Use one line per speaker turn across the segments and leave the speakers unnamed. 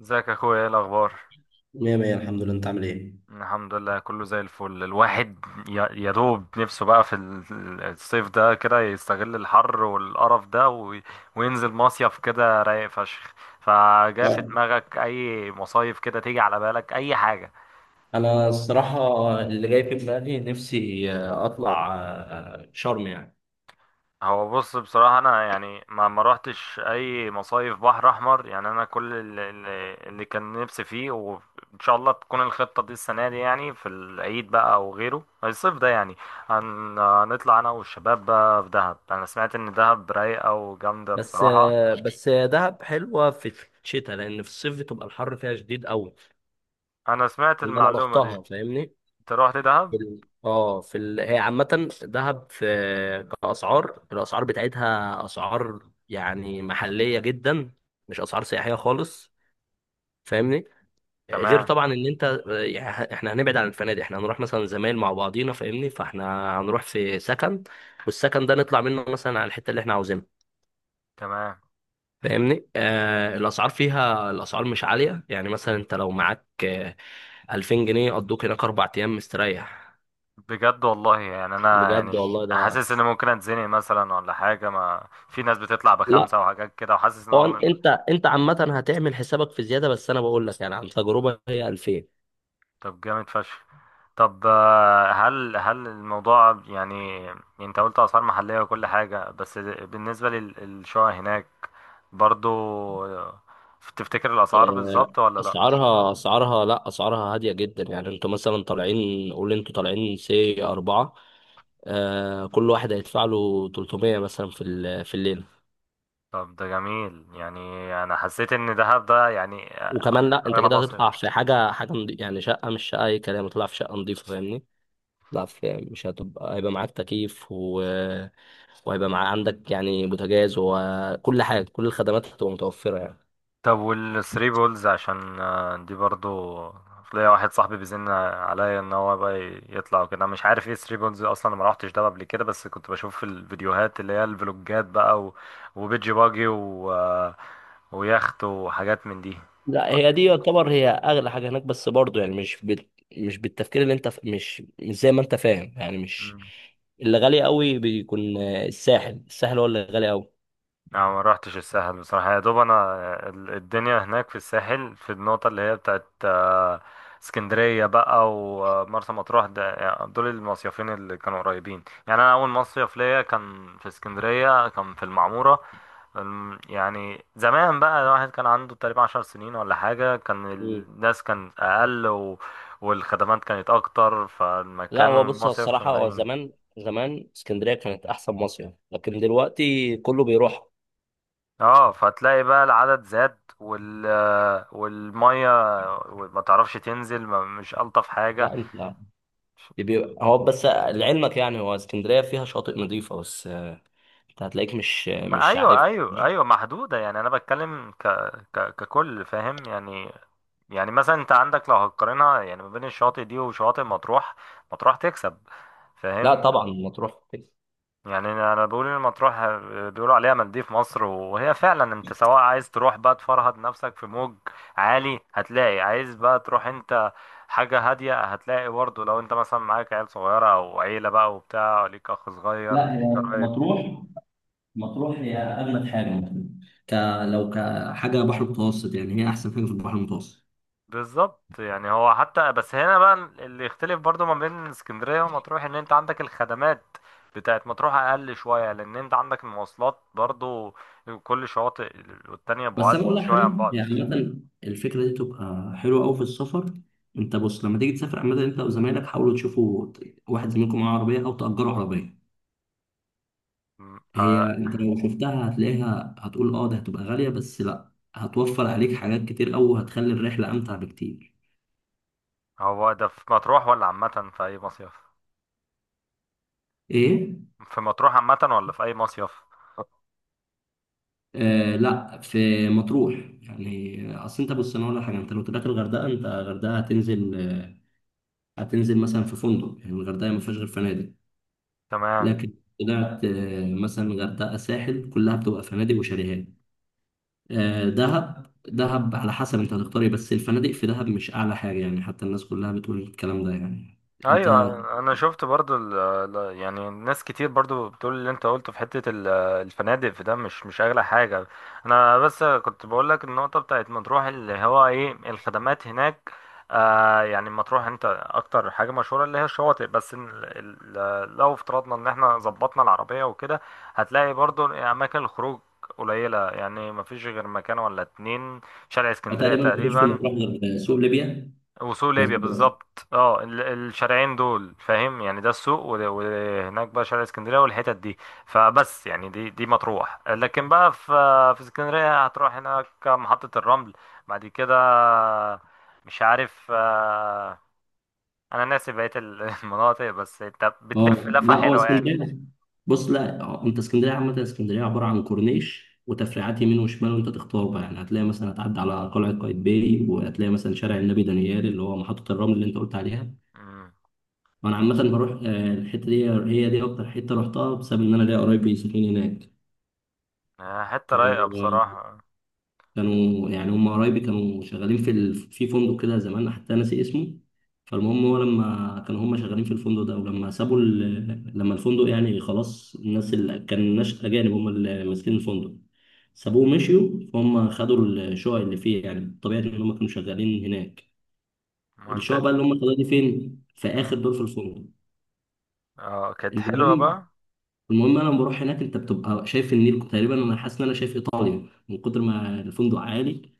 ازيك يا اخويا، ايه الاخبار؟
مية مية الحمد لله، انت عامل ايه؟
الحمد لله كله زي الفل. الواحد يا دوب نفسه بقى في الصيف ده كده، يستغل الحر والقرف ده وينزل مصيف كده رايق فشخ. فجاء في
اه،
دماغك اي مصايف كده تيجي على بالك، اي حاجة؟
انا الصراحة، اللي جاي في دماغي نفسي اطلع شرم يعني.
هو بص بصراحة، أنا يعني ما روحتش أي مصايف بحر أحمر يعني. أنا كل اللي كان نفسي فيه، وإن شاء الله تكون الخطة دي السنة دي يعني في العيد بقى أو غيره الصيف ده يعني هنطلع أنا والشباب بقى في دهب. أنا سمعت إن دهب رايقة وجامدة
بس
بصراحة.
آه، بس دهب حلوة في الشتاء، لان في الصيف بتبقى الحر فيها شديد قوي.
أنا سمعت
اللي انا
المعلومة دي.
رحتها، فاهمني؟
أنت روحت
في
دهب؟
ال- اه في ال... هي عامة دهب في، الاسعار بتاعتها اسعار يعني محلية جدا، مش اسعار سياحية خالص، فاهمني؟ غير
تمام.
طبعا ان يعني احنا هنبعد عن الفنادق، احنا هنروح مثلا زمايل مع بعضينا، فاهمني، فاحنا هنروح في سكن، والسكن ده نطلع منه مثلا على الحته اللي احنا عاوزينها،
تمام.
فاهمني. الاسعار مش عاليه. يعني مثلا انت لو معاك 2000 جنيه قضوك هناك 4 ايام مستريح،
بجد والله يعني، أنا
بجد
يعني
والله ده.
حاسس ان ممكن اتزنق مثلا ولا حاجه، ما في ناس بتطلع
لا،
بخمسه وحاجات كده، وحاسس ان
هو
هو
انت عامه هتعمل حسابك في زياده، بس انا بقول لك يعني عن تجربه، هي 2000.
طب جامد فشخ. طب هل الموضوع يعني انت قلت اسعار محليه وكل حاجه، بس بالنسبه للشقق هناك برضو، آه، تفتكر الاسعار بالظبط ولا لا؟
اسعارها اسعارها لا، اسعارها هاديه جدا. يعني انتوا مثلا طالعين، قول انتوا طالعين C4، كل واحد هيدفع له 300 مثلا في الليله.
طب ده جميل يعني. انا حسيت ان دهب ده يعني.
وكمان لا، انت
اغلى
كده
مصر.
هتطلع في حاجه، يعني شقه، مش شقه اي كلام، هتطلع في شقه نظيفه، فاهمني. لا، في مش هتبقى هيبقى معاك تكييف، و... وهيبقى عندك يعني بوتاجاز، وكل حاجه كل الخدمات هتبقى متوفره يعني.
طب والثري بولز عشان دي برضو ليا واحد صاحبي بيزن عليا ان هو بقى يطلع وكده. أنا مش عارف ايه ثري بولز اصلا، أنا ما روحتش ده قبل كده، بس كنت بشوف في الفيديوهات اللي هي الفلوجات بقى، وبيجي باجي و... آه، ويخت وحاجات من
لا، هي دي يعتبر هي اغلى حاجه هناك، بس برضو يعني مش بال... مش بالتفكير اللي انت ف... مش زي ما انت فاهم يعني.
دي.
مش، اللي غالي قوي بيكون الساحل. هو اللي غالي قوي.
انا ما روحتش الساحل بصراحة، يا دوب انا الدنيا هناك في الساحل، في النقطة اللي هي بتاعت اسكندرية بقى ومرسى مطروح ده يعني، دول المصيفين اللي كانوا قريبين يعني. انا اول مصيف ليا كان في اسكندرية، كان في المعمورة. يعني زمان بقى، الواحد كان عنده تقريبا 10 سنين ولا حاجة، كان
مم.
الناس كان اقل، و... والخدمات كانت اكتر
لا،
فالمكان
هو بص، هو
والمصيف كان
الصراحه هو
رايق.
زمان، زمان اسكندريه كانت احسن مصيف، لكن دلوقتي كله بيروح.
اه، فتلاقي بقى العدد زاد، وال والميه ما تعرفش تنزل، ما مش الطف حاجه.
لا انت، بيبقى هو بس لعلمك يعني، هو اسكندريه فيها شاطئ نظيفه بس. انت هتلاقيك مش
ما
مش عارف.
ايوه ايوه ايوه، محدوده يعني. انا بتكلم ك ك ككل فاهم يعني. يعني مثلا انت عندك لو هتقارنها يعني ما بين الشواطئ دي وشواطئ مطروح، مطروح تكسب
لا
فاهم.
طبعا مطروح.
يعني انا بقول ان مطروح بيقولوا عليها مالديف مصر، وهي فعلا انت سواء عايز تروح بقى تفرهد نفسك في موج عالي هتلاقي، عايز بقى تروح انت حاجة هادية هتلاقي برضه، لو انت مثلا معاك عيال صغيرة او عيلة بقى وبتاع ليك اخ صغير
لا، هي
ليك قرايب.
مطروح، مطروح هي اجمد حاجه ممكن، ك لو كحاجه بحر متوسط يعني، هي احسن حاجه في البحر المتوسط.
بالظبط يعني. هو حتى بس هنا بقى اللي يختلف برضه ما بين اسكندرية ومطروح ان انت عندك الخدمات بتاعت مطروح اقل شوية، لان انت عندك المواصلات برضه، كل شواطئ والتانية
بس
بعاد
انا اقول لك
شوية
حاجه،
عن
يعني مثلا الفكره دي تبقى حلوه قوي في السفر. انت بص، لما تيجي تسافر عامه، انت وزمايلك حاولوا تشوفوا واحد زميلكم معاه عربيه، او تاجروا عربيه.
بعض.
هي انت لو شفتها هتلاقيها، هتقول اه ده هتبقى غاليه، بس لا، هتوفر عليك حاجات كتير قوي، وهتخلي الرحله امتع بكتير.
هو ده في مطروح ولا عامة في أي مصيف؟
ايه.
في مطروح عامة ولا في أي مصيف؟
آه لا، في مطروح. يعني اصل انت بص، انا اقول لك حاجه. انت لو طلعت الغردقه، انت الغردقه هتنزل هتنزل مثلا في فندق، يعني الغردقه ما فيهاش غير فنادق.
تمام.
لكن طلعت مثلا غردقه ساحل، كلها بتبقى فنادق وشاليهات. دهب، دهب على حسب انت هتختار ايه، بس الفنادق في دهب مش اعلى حاجه يعني، حتى الناس كلها بتقول الكلام ده يعني. انت
ايوه، انا شفت برضو يعني ناس كتير برضو بتقول اللي انت قلته في حته الفنادق في ده مش اغلى حاجه. انا بس كنت بقول لك النقطه بتاعت مطروح اللي هو ايه الخدمات هناك. آه يعني مطروح، انت اكتر حاجه مشهوره اللي هي الشواطئ، بس إن لو افترضنا ان احنا ظبطنا العربيه وكده، هتلاقي برضو اماكن الخروج قليله. يعني مفيش غير مكان ولا اتنين، شارع اسكندريه
تقريبا ما فيش في
تقريبا،
مطروح غير سوق ليبيا.
وسوق
الناس.
ليبيا بالظبط. اه، الشارعين دول فاهم يعني، ده السوق، وهناك بقى شارع اسكندريه والحتت دي. فبس يعني دي مطروح. لكن بقى في اسكندريه، هتروح هناك محطه الرمل، بعد كده مش عارف انا ناسي بقيه المناطق، بس انت بتلف
اه
لفه
لا، هو
حلوه يعني.
اسكندريه، بص لا، انت اسكندريه عامه، اسكندريه عباره عن كورنيش وتفريعات يمين وشمال، وانت تختار بقى يعني، هتلاقي مثلا هتعدي على قلعه قايتباي، وهتلاقي مثلا شارع النبي دانيال اللي هو محطه الرمل اللي انت قلت عليها.
مم.
وانا عامه بروح الحته دي، هي دي اكتر حته رحتها، بسبب ان انا ليا قرايبي ساكنين هناك.
حته رايقه
كانوا
بصراحه.
كانوا يعني، هم قرايبي كانوا شغالين في ال... في فندق كده زمان، حتى ناسي اسمه. فالمهم، هو لما كانوا هم شغالين في الفندق ده، ولما سابوا ال... لما الفندق يعني خلاص، الناس اللي كان، ناس أجانب هم اللي ماسكين الفندق، سابوه ومشيوا، فهم خدوا الشقق اللي فيه، يعني طبيعي إن هم كانوا شغالين هناك.
ما
الشقق
انت
بقى اللي هم خدوها دي فين؟ في آخر
مم.
دور في الفندق.
اه، كانت حلوه
المهم
بقى.
المهم انا لما بروح هناك، انت بتبقى شايف النيل، تقريبا انا حاسس ان انا شايف ايطاليا من كتر ما الفندق عالي.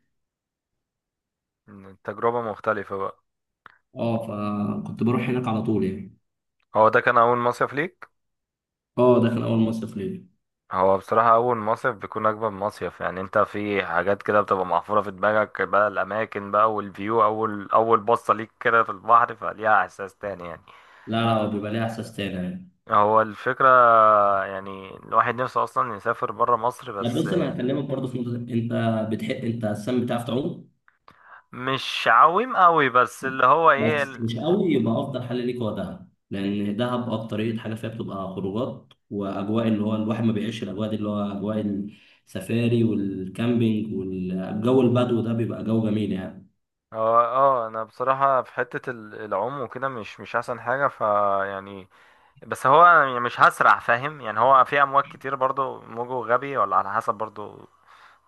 تجربه مختلفه بقى.
اه، فكنت بروح هناك على طول يعني.
هو ده كان اول مصيف ليك.
اه، ده كان اول مصيف ليا.
هو بصراحة أول مصيف بيكون أجمل مصيف يعني، أنت في حاجات كده بتبقى محفورة في دماغك بقى، الأماكن بقى والفيو، أول أول بصة ليك كده في البحر، فليها إحساس تاني يعني.
لا لا، هو بيبقى ليه احساس تاني يعني.
هو الفكرة يعني الواحد نفسه أصلا يسافر برا مصر
لا
بس.
بص، انا هكلمك برضه في نقطه، انت بتحب انت السم، بتعرف تعوم؟
مش عويم قوي، بس اللي هو إيه
بس مش قوي، يبقى افضل حل ليك هو دهب، لان دهب اكتريه حاجه فيها بتبقى خروجات واجواء، اللي هو الواحد ما بيعيش الاجواء دي، اللي هو اجواء السفاري والكامبينج والجو البدو ده، بيبقى جو جميل يعني.
هو اه انا بصراحة في حتة العوم وكده مش احسن حاجة ف يعني، بس هو يعني مش هسرع فاهم يعني. هو في امواج كتير برضو، موجه غبي ولا على حسب برضو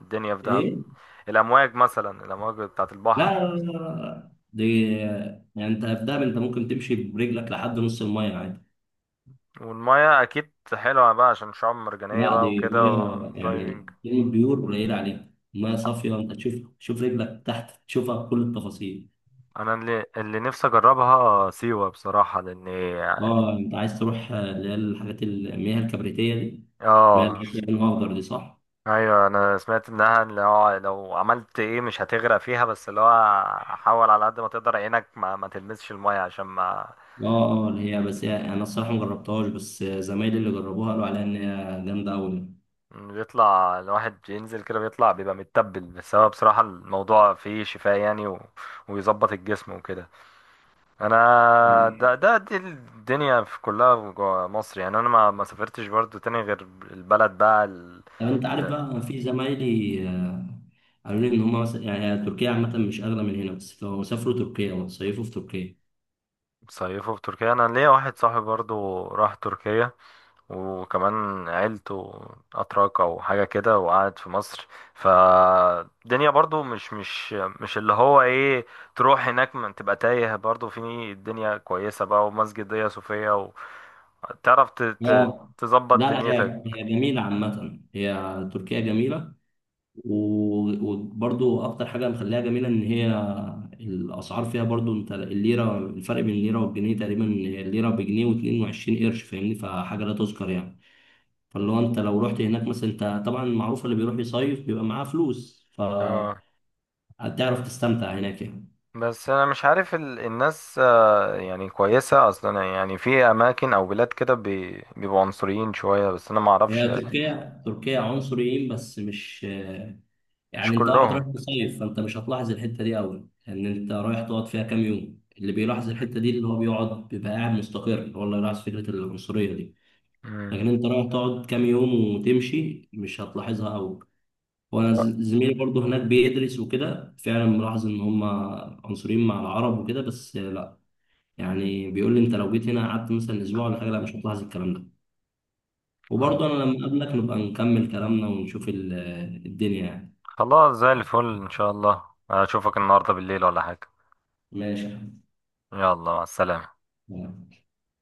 الدنيا في دهب،
ايه.
الامواج مثلا الامواج بتاعت
لا
البحر.
لا لا لا لا، دي، يعني انت في دهب انت ممكن تمشي برجلك لحد نص الميه عادي.
والميه اكيد حلوه بقى عشان شعاب مرجانيه
لا،
بقى
دي
وكده،
ميه يعني
ودايفنج.
كلمة بيور قليل عليها، ميه صافية، انت تشوف، رجلك تحت، تشوفها بكل التفاصيل.
انا اللي نفسي اجربها سيوه بصراحه لان
اه، انت عايز تروح اللي هي الحاجات المياه الكبريتية دي، المياه اللي
اه.
هي فيها لون اخضر دي، صح؟
ايوه، انا سمعت انها اللي هو لو عملت ايه مش هتغرق فيها، بس اللي هو حاول على قد ما تقدر عينك ما تلمسش الميه، عشان ما
اه اه، اللي هي بس هي، انا الصراحة ما جربتهاش، بس زمايلي اللي جربوها قالوا عليها ان هي جامدة أوي،
بيطلع الواحد ينزل كده بيطلع بيبقى متبل، بس هو بصراحه الموضوع فيه شفاء يعني، و... ويظبط الجسم وكده. انا ده
يعني.
ده دي الدنيا في كلها جوا مصر يعني. انا ما سافرتش برضو تاني غير البلد بقى
طب انت عارف بقى، في زمايلي قالوا لي ان هم مثلا يعني تركيا عامة مش أغلى من هنا، بس لو سافروا تركيا وصيفوا في تركيا.
صيفه في تركيا. انا ليا واحد صاحبي برضو راح تركيا، وكمان عيلته اتراك او حاجه كده، وقعد في مصر. فالدنيا برضو مش اللي هو ايه، تروح هناك ما تبقى تايه برضو. في الدنيا كويسه بقى، ومسجد دنيا صوفيا، وتعرف ت- ت-
اه
تظبط
لا لا،
دنيتك.
هي جميلة عامة، هي تركيا جميلة، و- وبرضو أكتر حاجة مخليها جميلة إن هي الأسعار فيها برضو، أنت الليرة، الفرق بين الليرة والجنيه تقريبا، الليرة بجنيه واتنين وعشرين قرش، فاهمني، فحاجة لا تذكر يعني. فاللي هو أنت لو رحت هناك مثلا، أنت طبعا معروف اللي بيروح يصيف بيبقى معاه فلوس، فهتعرف
اه،
تستمتع هناك يعني.
بس انا مش عارف الناس يعني كويسة اصلا، يعني في اماكن او بلاد كده بيبقوا عنصريين شوية، بس انا ما اعرفش.
هي تركيا، تركيا عنصريين، بس مش،
مش
يعني انت واحد
كلهم.
رايح تصيف، فانت مش هتلاحظ الحته دي قوي، لان انت رايح تقعد فيها كام يوم. اللي بيلاحظ الحته دي اللي هو بيقعد، بيبقى قاعد مستقر، هو اللي يلاحظ فكره العنصريه دي.
مم.
لكن انت رايح تقعد كام يوم وتمشي، مش هتلاحظها قوي. وانا
لا،
زميلي برضه هناك بيدرس وكده، فعلا ملاحظ ان هم عنصريين مع العرب وكده، بس لا، يعني بيقول لي انت لو جيت هنا قعدت مثلا اسبوع ولا حاجه، لا مش هتلاحظ الكلام ده. وبرضه انا لما اقابلك نبقى نكمل كلامنا ونشوف الدنيا يعني.
خلاص زي الفل ان شاء الله. اشوفك النهاردة بالليل ولا حاجة؟
ماشي يا
يلا مع السلامة.
حبيبي.